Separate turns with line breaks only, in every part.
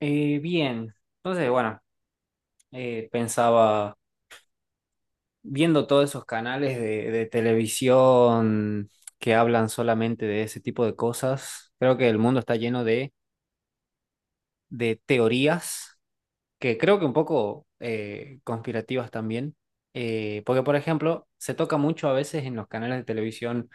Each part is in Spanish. Bien, entonces, bueno, pensaba, viendo todos esos canales de televisión que hablan solamente de ese tipo de cosas. Creo que el mundo está lleno de teorías, que creo que un poco conspirativas también. Porque, por ejemplo, se toca mucho a veces en los canales de televisión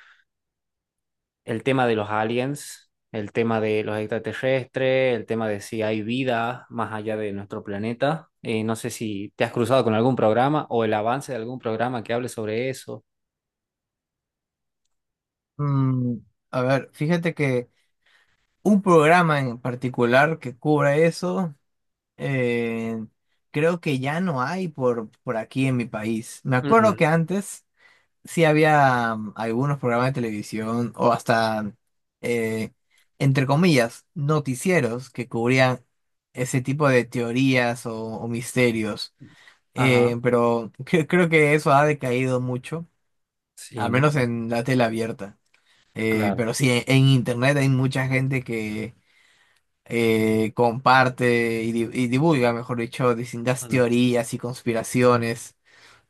el tema de los aliens, el tema de los extraterrestres, el tema de si hay vida más allá de nuestro planeta. No sé si te has cruzado con algún programa o el avance de algún programa que hable sobre eso.
Mm, a ver, fíjate que un programa en particular que cubra eso, eh, creo que ya no hay por aquí en mi país. Me
Ujú.
acuerdo que antes sí había algunos programas de televisión o hasta, eh, entre comillas, noticieros que cubrían ese tipo de teorías o misterios.
Ajá,
Pero creo que eso ha decaído mucho,
sí,
al
¿no?
menos en la tele abierta.
Claro.
Pero sí, en internet hay mucha gente que comparte y divulga, mejor dicho, distintas
Mm,
teorías y conspiraciones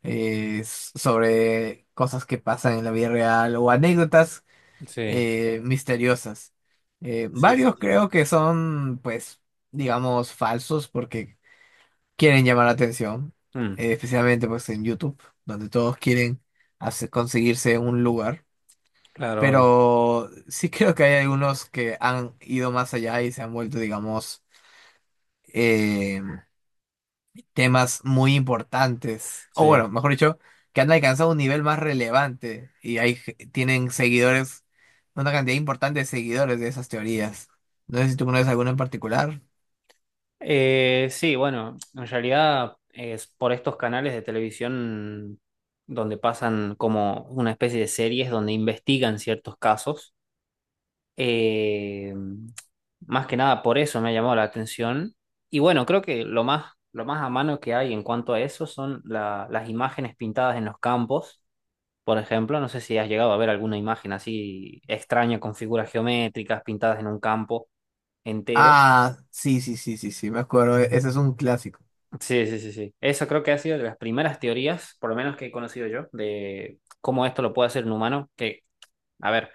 sobre cosas que pasan en la vida real o anécdotas
sí,
misteriosas.
sí, sí,
Varios
sí.
creo que son, pues, digamos, falsos porque quieren llamar la atención,
Mm,
especialmente pues en YouTube, donde todos quieren conseguirse un lugar.
claro, obvio.
Pero sí creo que hay algunos que han ido más allá y se han vuelto, digamos, eh, temas muy importantes. O
Sí.
bueno, mejor dicho, que han alcanzado un nivel más relevante y hay, tienen seguidores, una cantidad importante de seguidores de esas teorías. No sé si tú conoces alguna en particular.
Sí, bueno, en realidad es por estos canales de televisión donde pasan como una especie de series donde investigan ciertos casos. Eh, Más que nada por eso me ha llamado la atención. Y bueno, creo que lo más a mano que hay en cuanto a eso son las imágenes pintadas en los campos. Por ejemplo, no sé si has llegado a ver alguna imagen así extraña con figuras geométricas pintadas en un campo entero.
Ah, sí, sí, sí, sí, sí, me acuerdo. Ese es un clásico.
Sí, sí, sí, sí. Eso creo que ha sido de las primeras teorías, por lo menos que he conocido yo, de cómo esto lo puede hacer un humano, que, a ver,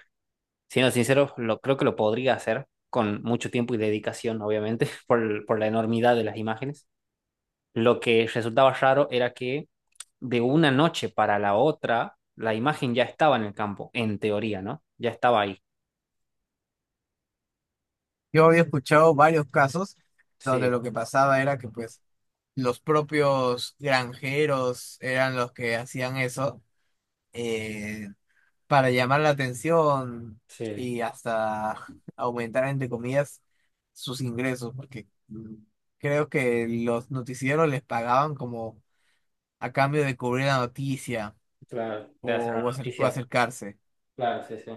siendo sincero, creo que lo podría hacer con mucho tiempo y dedicación, obviamente, por la enormidad de las imágenes. Lo que resultaba raro era que de una noche para la otra, la imagen ya estaba en el campo, en teoría, ¿no? Ya estaba ahí.
Yo había escuchado varios casos donde
Sí,
lo que pasaba era que pues los propios granjeros eran los que hacían eso eh, para llamar la atención
sí,
y hasta aumentar, entre comillas, sus ingresos, porque creo que los noticieros les pagaban como a cambio de cubrir la noticia
claro. De hacer
o, o
una
acer- o
noticia.
acercarse.
Claro, sí, sí.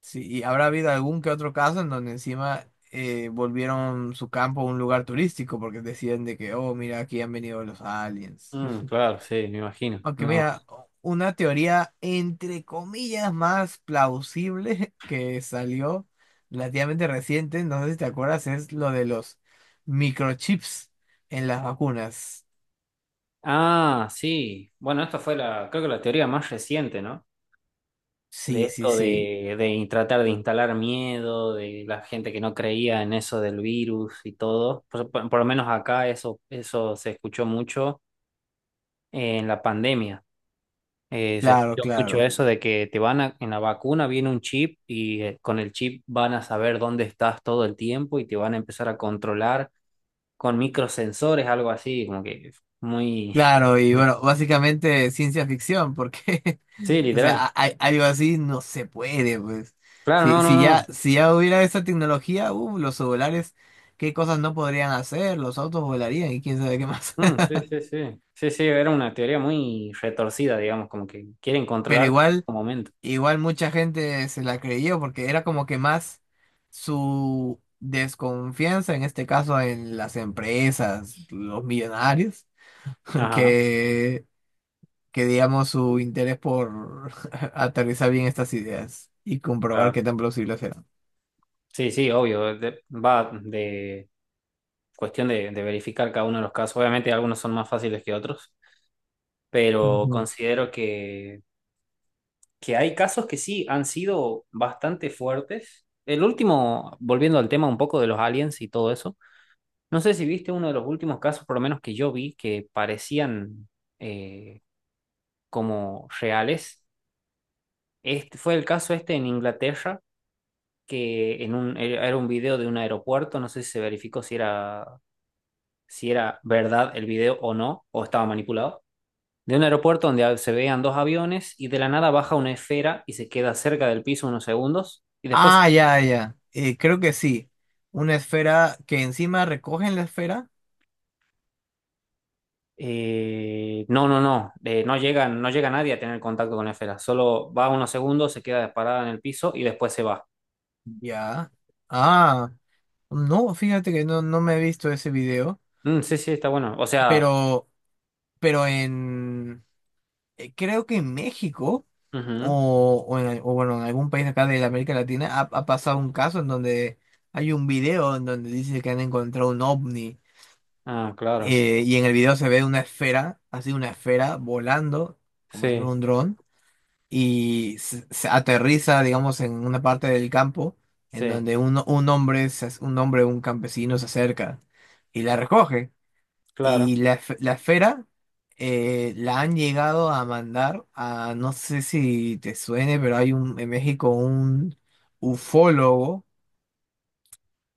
Sí, y habrá habido algún que otro caso en donde encima volvieron su campo un lugar turístico porque decían de que, oh, mira, aquí han venido los aliens.
Mm, claro, sí, me imagino.
Aunque
No.
mira, una teoría entre comillas más plausible que salió relativamente reciente, no sé si te acuerdas, es lo de los microchips en las vacunas.
Ah, sí. Bueno, esta fue creo que la teoría más reciente, ¿no? De
Sí, sí,
esto
sí.
de, tratar de instalar miedo, de la gente que no creía en eso del virus y todo. Por lo menos acá eso se escuchó mucho en la pandemia. Se
Claro,
escuchó mucho
claro.
eso de que en la vacuna viene un chip y con el chip van a saber dónde estás todo el tiempo y te van a empezar a controlar con microsensores, algo así, como que muy...
Claro, y bueno, básicamente ciencia ficción, porque
Sí,
o sea,
literal.
algo así no se puede, pues.
Claro, no, no,
Si ya,
no.
si ya hubiera esa tecnología, los celulares, qué cosas no podrían hacer, los autos volarían y quién sabe qué más.
Mm, sí, sí, sí. Sí, sí, era una teoría muy retorcida, digamos, como que quieren
Pero
controlarte en
igual.
todo momento.
Igual mucha gente se la creyó porque era como que más su desconfianza, en este caso en las empresas, los millonarios,
Ajá.
que, que digamos su interés por aterrizar bien estas ideas y comprobar qué
Claro.
tan plausibles eran.
Sí, sí, obvio. Va de cuestión de verificar cada uno de los casos. Obviamente algunos son más fáciles que otros, pero
Ujú.
considero que, hay casos que sí han sido bastante fuertes. El último, volviendo al tema un poco de los aliens y todo eso, no sé si viste uno de los últimos casos, por lo menos que yo vi, que parecían eh, como reales. Este, fue el caso este en Inglaterra, que era un video de un aeropuerto, no sé si se verificó si era, si era verdad el video o no, o estaba manipulado, de un aeropuerto donde se veían dos aviones y de la nada baja una esfera y se queda cerca del piso unos segundos y después,
Ah, ya, ya. Creo que sí. Una esfera que encima recogen la esfera.
no, no, no, no llega nadie a tener contacto con la esfera, solo va unos segundos, se queda disparada en el piso y después se va.
Ya. Ah, no, fíjate que no, no me he visto ese video,
Mm, sí, sí, está bueno. O sea,
pero... Pero creo que en México
ujú.
o bueno, en algún país acá de la América Latina ha, ha pasado un caso en donde hay un video en donde dice que han encontrado un ovni,
Ah, claro,
y en el video se ve una esfera, así una esfera volando como si fuera
sí,
un dron se aterriza, digamos, en una parte del campo en
sí,
donde un hombre, un hombre, un campesino se acerca y la recoge.
claro.
Y la esfera la han llegado a mandar a, no sé si te suene, pero hay un, en México un ufólogo,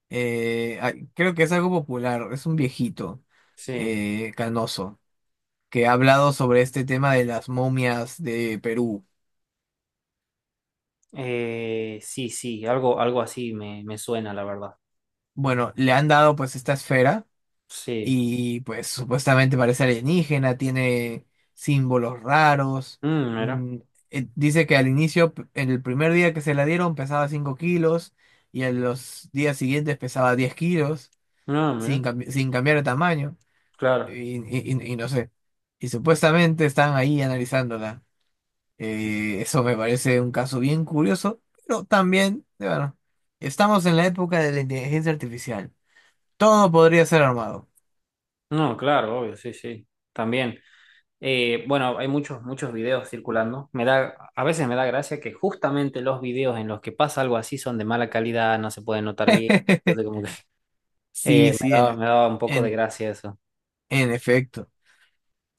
creo que es algo popular, es un viejito
Sí.
canoso, que ha hablado sobre este tema de las momias de Perú.
Sí, sí, algo así me suena, la verdad.
Bueno, le han dado pues esta esfera.
Sí.
Y pues supuestamente parece alienígena, tiene símbolos raros.
Mm, mira,
mm, Dice que al inicio, en el primer día que se la dieron pesaba 5 kilos y en los días siguientes pesaba 10 kilos
no,
sin,
mira,
sin cambiar de tamaño.
claro.
Y no sé. Y supuestamente están ahí analizándola. Eso me parece un caso bien curioso, pero también, bueno, estamos en la época de la inteligencia artificial. Todo podría ser armado.
No, claro, obvio, sí, sí. También. Bueno, hay muchos, muchos videos circulando. A veces me da gracia que justamente los videos en los que pasa algo así son de mala calidad, no se pueden notar bien. Entonces, como que
Sí, sí,
me daba un poco de
en,
gracia eso.
en efecto.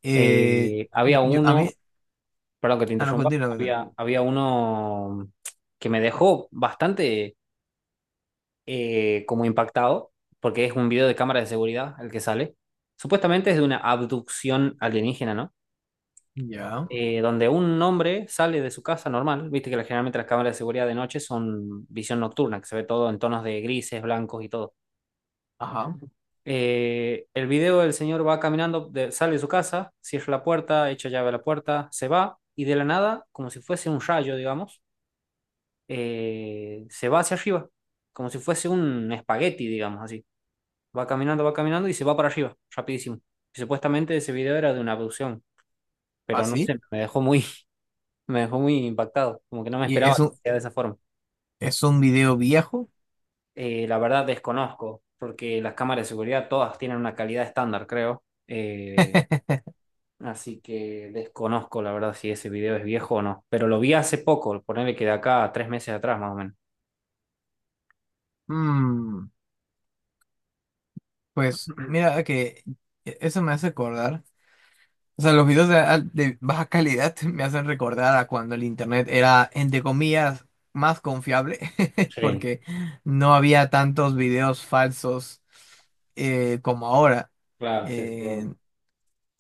Eh,
Había
a mí,
uno, perdón que te
a lo
interrumpa,
continuo. Continúa.
había, uno que me dejó bastante, como impactado, porque es un video de cámara de seguridad el que sale. Supuestamente es de una abducción alienígena, ¿no?
Ya,
Donde un hombre sale de su casa normal, viste que generalmente las cámaras de seguridad de noche son visión nocturna, que se ve todo en tonos de grises, blancos y todo.
ajá,
El video del señor va caminando, sale de su casa, cierra la puerta, echa llave a la puerta, se va y de la nada, como si fuese un rayo, digamos, se va hacia arriba, como si fuese un espagueti, digamos así. Va caminando y se va para arriba, rapidísimo. Y supuestamente ese video era de una abducción, pero no
así.
sé, me dejó muy, me dejó muy impactado, como que no me
Y
esperaba que sea de esa forma.
es un video viejo.
La verdad desconozco, porque las cámaras de seguridad todas tienen una calidad estándar, creo. Así que desconozco, la verdad, si ese video es viejo o no. Pero lo vi hace poco, ponerle que de acá a 3 meses atrás, más o menos.
Mm, pues mira que eso me hace acordar. O sea, los videos de, de baja calidad me hacen recordar a cuando el internet era, entre comillas, más confiable,
Sí,
porque no había tantos videos falsos como ahora.
claro, sí, sí.
Eh,
Obvio.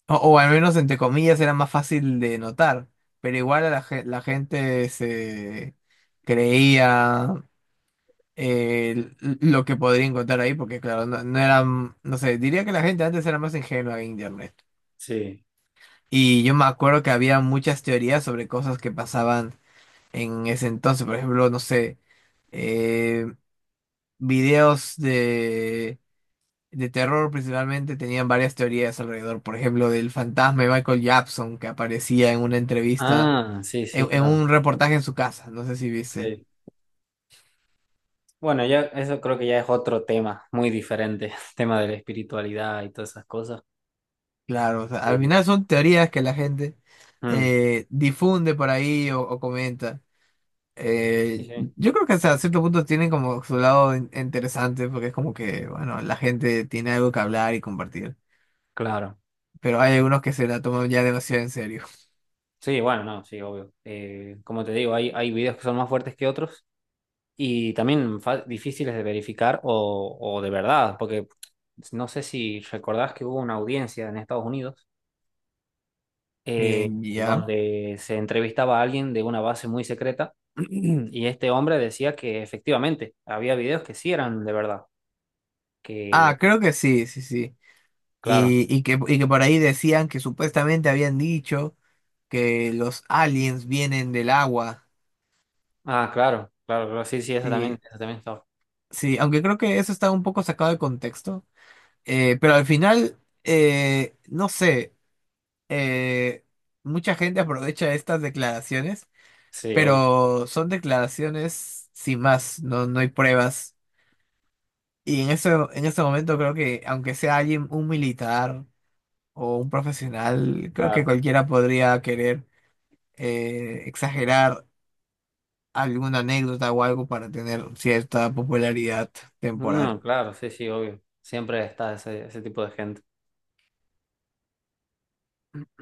O, o al menos entre comillas era más fácil de notar, pero igual a la gente se creía eh, lo que podría encontrar ahí, porque claro, no, no eran, no sé, diría que la gente antes era más ingenua en internet.
Sí.
Y yo me acuerdo que había muchas teorías sobre cosas que pasaban en ese entonces, por ejemplo, no sé, eh, videos de terror principalmente tenían varias teorías alrededor, por ejemplo, del fantasma de Michael Jackson que aparecía en una entrevista,
Ah, sí, sí,
en
claro.
un reportaje en su casa, no sé si viste.
Sí. Bueno, ya eso creo que ya es otro tema muy diferente, tema de la espiritualidad y todas esas cosas.
Claro, o sea, al
Eh,
final son teorías que la gente
mm,
difunde por ahí o comenta.
sí,
Eh,
sí,
yo creo que hasta cierto punto tienen como su lado interesante porque es como que, bueno, la gente tiene algo que hablar y compartir.
claro.
Pero hay algunos que se la toman ya demasiado en serio.
Sí, bueno, no, sí, obvio. Como te digo, hay videos que son más fuertes que otros y también difíciles de verificar o de verdad, porque no sé si recordás que hubo una audiencia en Estados Unidos eh,
Ya.
donde se entrevistaba a alguien de una base muy secreta y este hombre decía que efectivamente había videos que sí eran de verdad, que...
Ah, creo que sí, sí, sí.
Claro.
Y que por ahí decían que supuestamente habían dicho que los aliens vienen del agua.
Ah, claro, claro, claro, sí, sí,
Sí,
esa también está.
sí, aunque creo que eso está un poco sacado de contexto. Pero al final, no sé, eh, mucha gente aprovecha estas declaraciones,
Sí, obvio,
pero son declaraciones sin más, no, no hay pruebas. Y en eso, en ese momento creo que aunque sea alguien, un militar o un profesional, creo que
claro.
cualquiera podría querer. Exagerar alguna anécdota o algo para tener cierta popularidad temporal.
No, claro, sí, sí, obvio. Siempre está ese tipo de gente.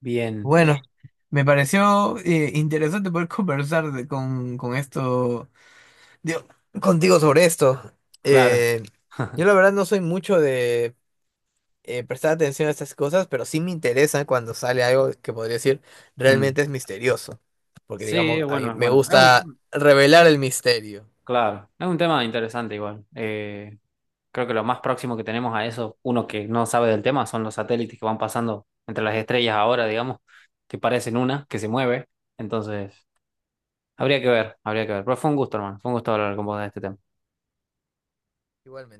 Bien,
Bueno, me pareció interesante poder con esto, digo, contigo sobre esto.
claro.
Eh, yo la verdad no soy mucho de prestar atención a estas cosas, pero sí me interesa cuando sale algo que podría decir
Mm.
realmente es misterioso, porque
Sí,
digamos, a mí
bueno,
me
bueno, es un
gusta
tema,
revelar el misterio.
claro, es un tema interesante igual. Creo que lo más próximo que tenemos a eso, uno que no sabe del tema, son los satélites que van pasando entre las estrellas ahora, digamos, que parecen que se mueve. Entonces, habría que ver, habría que ver. Pero fue un gusto, hermano, fue un gusto hablar con vos de este tema.
Igualmente.